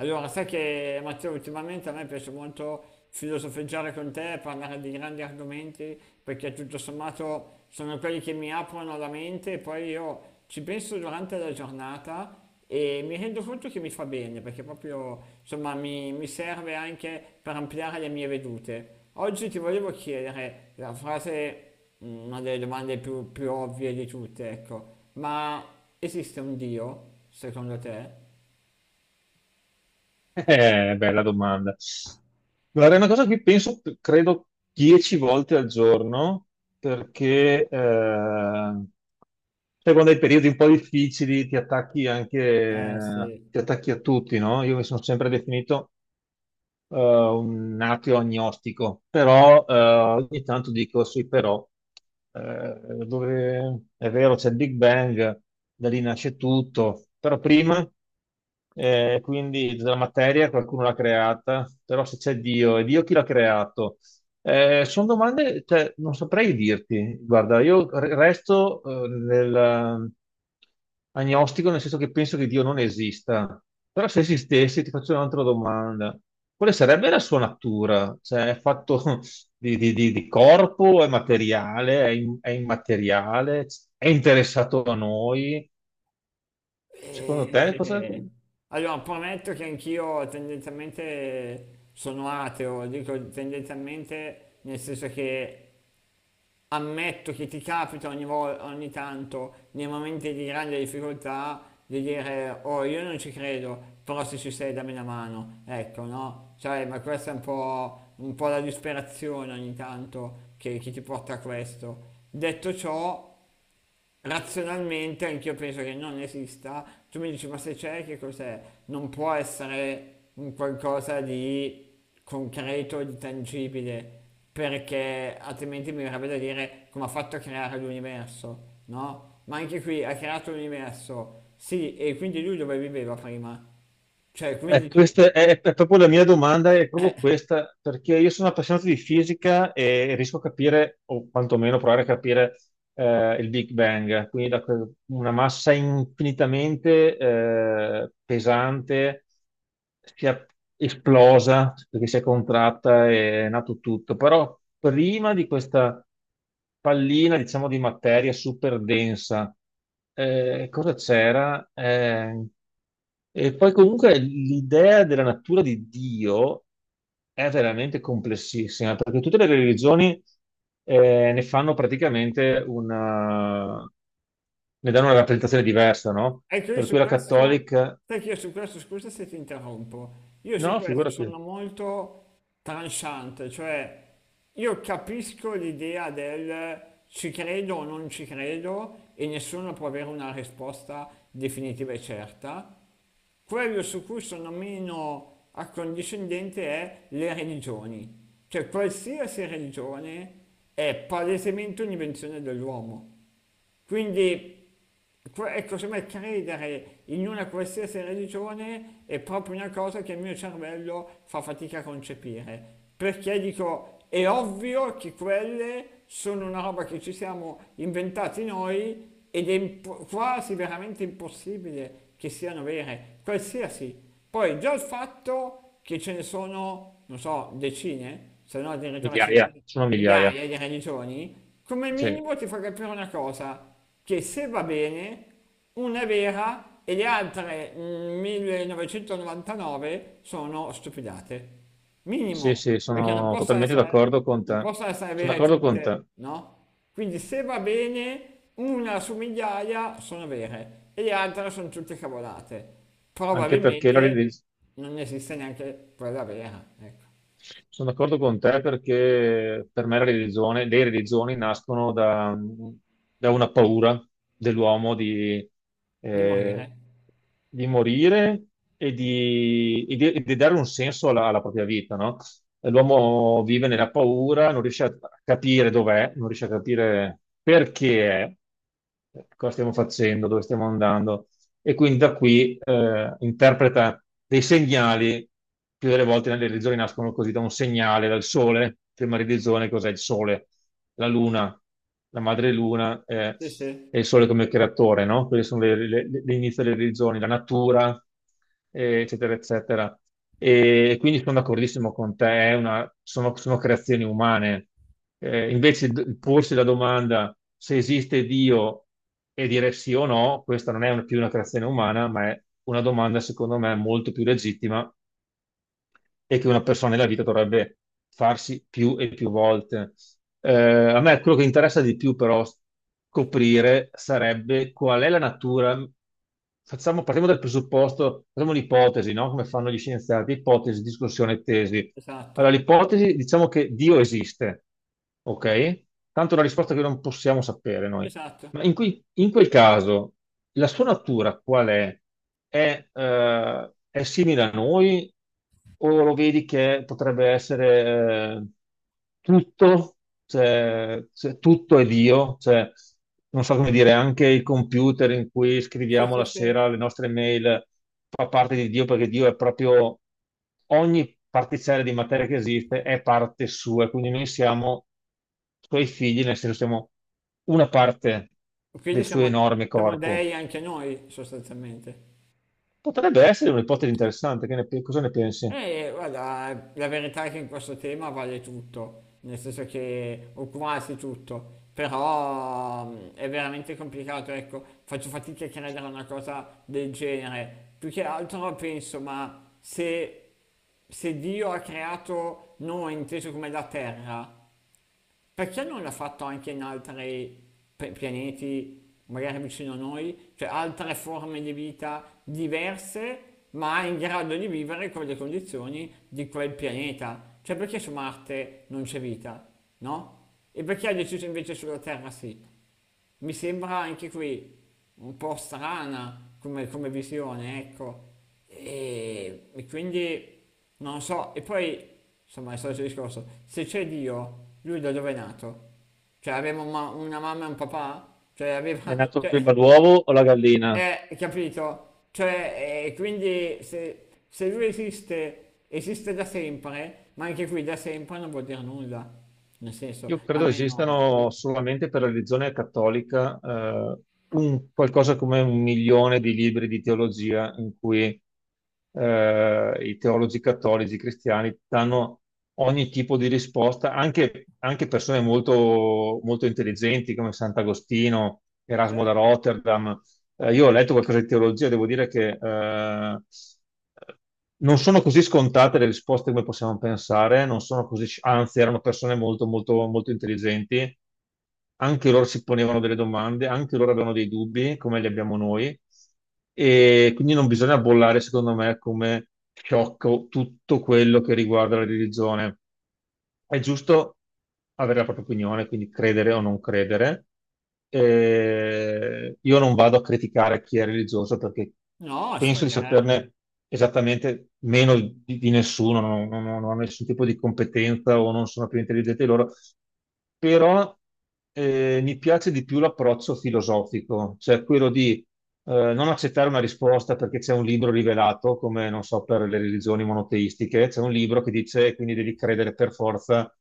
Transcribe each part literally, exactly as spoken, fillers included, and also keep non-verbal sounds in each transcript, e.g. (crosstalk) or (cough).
Allora, sai che Matteo, ultimamente a me piace molto filosofeggiare con te, parlare di grandi argomenti, perché tutto sommato sono quelli che mi aprono la mente e poi io ci penso durante la giornata e mi rendo conto che mi fa bene, perché proprio insomma mi, mi serve anche per ampliare le mie vedute. Oggi ti volevo chiedere la frase, mm, una delle domande più, più ovvie di tutte, ecco, ma esiste un Dio, secondo te? Eh, bella domanda. Guarda, è una cosa a cui penso, credo, dieci volte al giorno, perché eh, sai, quando hai periodi un po' difficili ti attacchi anche, Eh sì. ti attacchi a tutti, no? Io mi sono sempre definito eh, un ateo agnostico, però eh, ogni tanto dico sì, però eh, dove- è vero, c'è il Big Bang, da lì nasce tutto, però prima eh, quindi la materia qualcuno l'ha creata, però se c'è Dio, e Dio chi l'ha creato? Eh, sono domande, cioè, non saprei dirti. Guarda, io re- resto eh, nel eh, agnostico, nel senso che penso che Dio non esista. Però se esistesse, ti faccio un'altra domanda. Quale sarebbe la sua natura? Cioè, è fatto (laughs) di, di- di- di corpo, è materiale, è, im- è immateriale, è interessato a noi? Secondo te, cosa, Eh, Allora, prometto che anch'io tendenzialmente sono ateo, dico tendenzialmente nel senso che ammetto che ti capita ogni volta, ogni tanto, nei momenti di grande difficoltà, di dire, oh, io non ci credo, però se ci sei dammi una mano, ecco, no? Cioè, ma questa è un po', un po' la disperazione ogni tanto che, che ti porta a questo. Detto ciò, razionalmente anch'io penso che non esista. Tu mi dici, ma se c'è, che cos'è? Non può essere un qualcosa di concreto, di tangibile, perché altrimenti mi verrebbe da dire come ha fatto a creare l'universo, no? Ma anche qui ha creato l'universo, sì, e quindi lui dove viveva prima? Cioè, Eh, quindi ci... questa è, è proprio la mia domanda, è eh. proprio questa, perché io sono appassionato di fisica e riesco a capire, o quantomeno provare a capire eh, il Big Bang, quindi da que- una massa infinitamente eh, pesante si è esplosa perché si è contratta e è nato tutto. Però prima di questa pallina, diciamo, di materia super densa, eh, cosa c'era? Eh, e poi comunque l'idea della natura di Dio è veramente complessissima, perché tutte le religioni eh, ne fanno praticamente una... ne danno una rappresentazione diversa, no? Ecco, io Per cui su la questo, cattolica... sai che io su questo, scusa se ti interrompo, io su No, questo figurati, sono molto tranciante, cioè io capisco l'idea del ci credo o non ci credo e nessuno può avere una risposta definitiva e certa. Quello su cui sono meno accondiscendente è le religioni, cioè qualsiasi religione è palesemente un'invenzione dell'uomo. Quindi, que- ecco, sembra credere in una qualsiasi religione è proprio una cosa che il mio cervello fa fatica a concepire. Perché dico, è ovvio che quelle sono una roba che ci siamo inventati noi ed è impo- quasi veramente impossibile che siano vere, qualsiasi. Poi già il fatto che ce ne sono, non so, decine, se no addirittura migliaia, centinaia sono migliaia. migliaia di religioni, come Sì, minimo ti fa capire una cosa, che se va bene, una è vera e le altre mm, millenovecentonovantanove sono stupidate. sì, Minimo, sì, perché non sono possono totalmente essere, d'accordo con non te. possono essere Sono vere d'accordo con tutte, te, no? Quindi se va bene, una su migliaia sono vere e le altre sono tutte cavolate. anche perché la Probabilmente religione... non esiste neanche quella vera, ecco, Sono d'accordo con te perché per me la religione, le religioni nascono da, da una paura dell'uomo di, di eh, morire. di morire e di, e di- e di dare un senso alla, alla propria vita, no? E l'uomo vive nella paura, non riesce a capire dov'è, non riesce a capire perché è, cosa stiamo facendo, dove stiamo andando, e quindi da qui eh, interpreta dei segnali, più delle volte le religioni nascono così da un segnale, dal sole, prima religione, cos'è? Il sole, la luna, la madre luna, eh, Sì, sì, e il sole come creatore, no? Quelle sono le, le, le inizio delle religioni, la natura, eh, eccetera, eccetera. E quindi sono d'accordissimo con te, è una- sono, sono creazioni umane. Eh, invece d- porsi la domanda se esiste Dio e dire sì o no, questa non è una- più una creazione umana, ma è una domanda, secondo me, molto più legittima, e che una persona nella vita dovrebbe farsi più e più volte. Eh, a me quello che interessa di più però scoprire sarebbe qual è la natura. Facciamo, partiamo dal presupposto, facciamo un'ipotesi, no? Come fanno gli scienziati: ipotesi, discussione, tesi. Allora, esatto. l'ipotesi: diciamo che Dio esiste, ok? Tanto è una risposta che non possiamo sapere noi. Esatto, Ma in, cui- in quel caso, la sua natura qual è? È, eh, è simile a noi o lo vedi che potrebbe essere... eh, tutto, cioè, cioè, tutto è Dio, cioè, non so come dire, anche il computer in cui sì, scriviamo sì, la sì. sera le nostre mail fa parte di Dio, perché Dio è proprio ogni particella di materia che esiste è parte sua, e quindi noi siamo suoi figli, nel senso siamo una parte Quindi del suo siamo, enorme siamo corpo. dei anche noi sostanzialmente. Potrebbe essere un'ipotesi interessante, che ne pe- cosa ne pensi? E guarda, la verità è che in questo tema vale tutto, nel senso che, o quasi tutto, però mm, è veramente complicato, ecco, faccio fatica a credere a una cosa del genere. Più che altro penso, ma se se Dio ha creato noi inteso come la terra perché non l'ha fatto anche in altri pe- pianeti, magari vicino a noi, cioè altre forme di vita diverse, ma in grado di vivere con le condizioni di quel pianeta? Cioè perché su Marte non c'è vita, no? E perché ha deciso invece sulla Terra sì? Mi sembra anche qui un po' strana come, come visione, ecco. E, e quindi non so, e poi insomma è stato il solito discorso, se c'è Dio, lui da dove è nato? Cioè aveva una, una mamma e un papà? Cioè È aveva, nato cioè, prima l'uovo o la gallina? eh, capito? Cioè, eh, quindi se, se lui esiste, esiste da sempre, ma anche qui da sempre non vuol dire nulla, nel senso, Io credo almeno, esistano solamente per la religione cattolica, eh, un- qualcosa come un milione di libri di teologia in cui eh, i teologi cattolici cristiani danno ogni tipo di risposta, anche, anche persone molto, molto intelligenti come Sant'Agostino, Erasmo da certo. Rotterdam, eh, io ho letto qualcosa di teologia, e devo dire che eh, non sono così scontate le risposte come possiamo pensare, non sono così, anzi, erano persone molto, molto, molto intelligenti. Anche loro si ponevano delle domande, anche loro avevano dei dubbi, come li abbiamo noi. E quindi non bisogna bollare, secondo me, come sciocco tutto quello che riguarda la religione. È giusto avere la propria opinione, quindi credere o non credere. Eh, io non vado a criticare chi è religioso, perché No, ci penso di mancherebbe. saperne esattamente meno di, di nessuno, non, non- non ho nessun tipo di competenza o non sono più intelligente di loro, però eh, mi piace di più l'approccio filosofico, cioè quello di eh, non accettare una risposta perché c'è un libro rivelato, come, non so, per le religioni monoteistiche, c'è un libro che dice quindi devi credere per forza,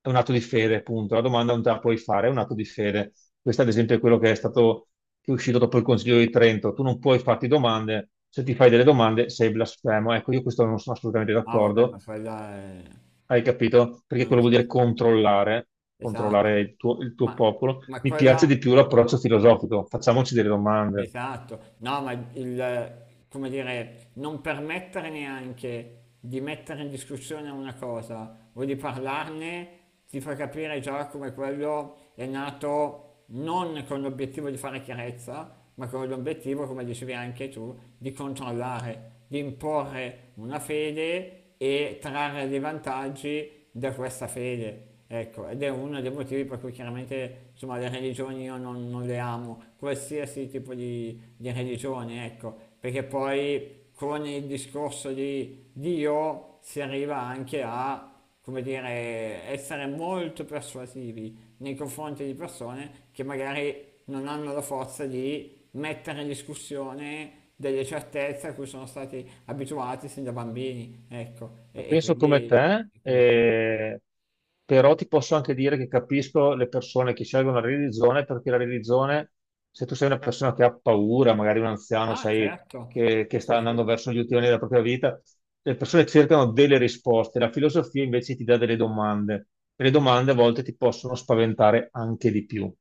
è un atto di fede, punto. La domanda non te la puoi fare, è un atto di fede. Questo, ad esempio, è quello che è stato, che è uscito dopo il Consiglio di Trento. Tu non puoi farti domande, se ti fai delle domande sei blasfemo. Ecco, io questo non sono assolutamente Ah, vabbè, d'accordo, ma quella è- hai capito? Perché non quello vuol dire esiste. controllare, Esatto. controllare il tuo, il tuo Ma, popolo. ma Mi piace quella... di più l'approccio filosofico, ma- facciamoci delle domande. Esatto. No, ma il, come dire, non permettere neanche di mettere in discussione una cosa o di parlarne ti fa capire già come quello è nato non con l'obiettivo di fare chiarezza, ma con l'obiettivo, come dicevi anche tu, di controllare, di imporre una fede e trarre dei vantaggi da questa fede. Ecco, ed è uno dei motivi per cui chiaramente insomma, le religioni io non, non le amo, qualsiasi tipo di, di religione, ecco, perché poi con il discorso di Dio si arriva anche a, come dire, essere molto persuasivi nei confronti di persone che magari non hanno la forza di mettere in discussione delle certezze a cui sono stati abituati sin da bambini, ecco, La e, e penso quindi... come te, e quindi- sì. eh, però ti posso anche dire che capisco le persone che scelgono la religione, perché la religione, se tu sei una persona che ha paura, magari un anziano, Ah sai, certo, che, sì, che sta sì, sì. andando verso gli ultimi anni della propria vita, le persone cercano delle risposte, la filosofia invece ti dà delle domande, e le domande a volte ti possono spaventare anche di più.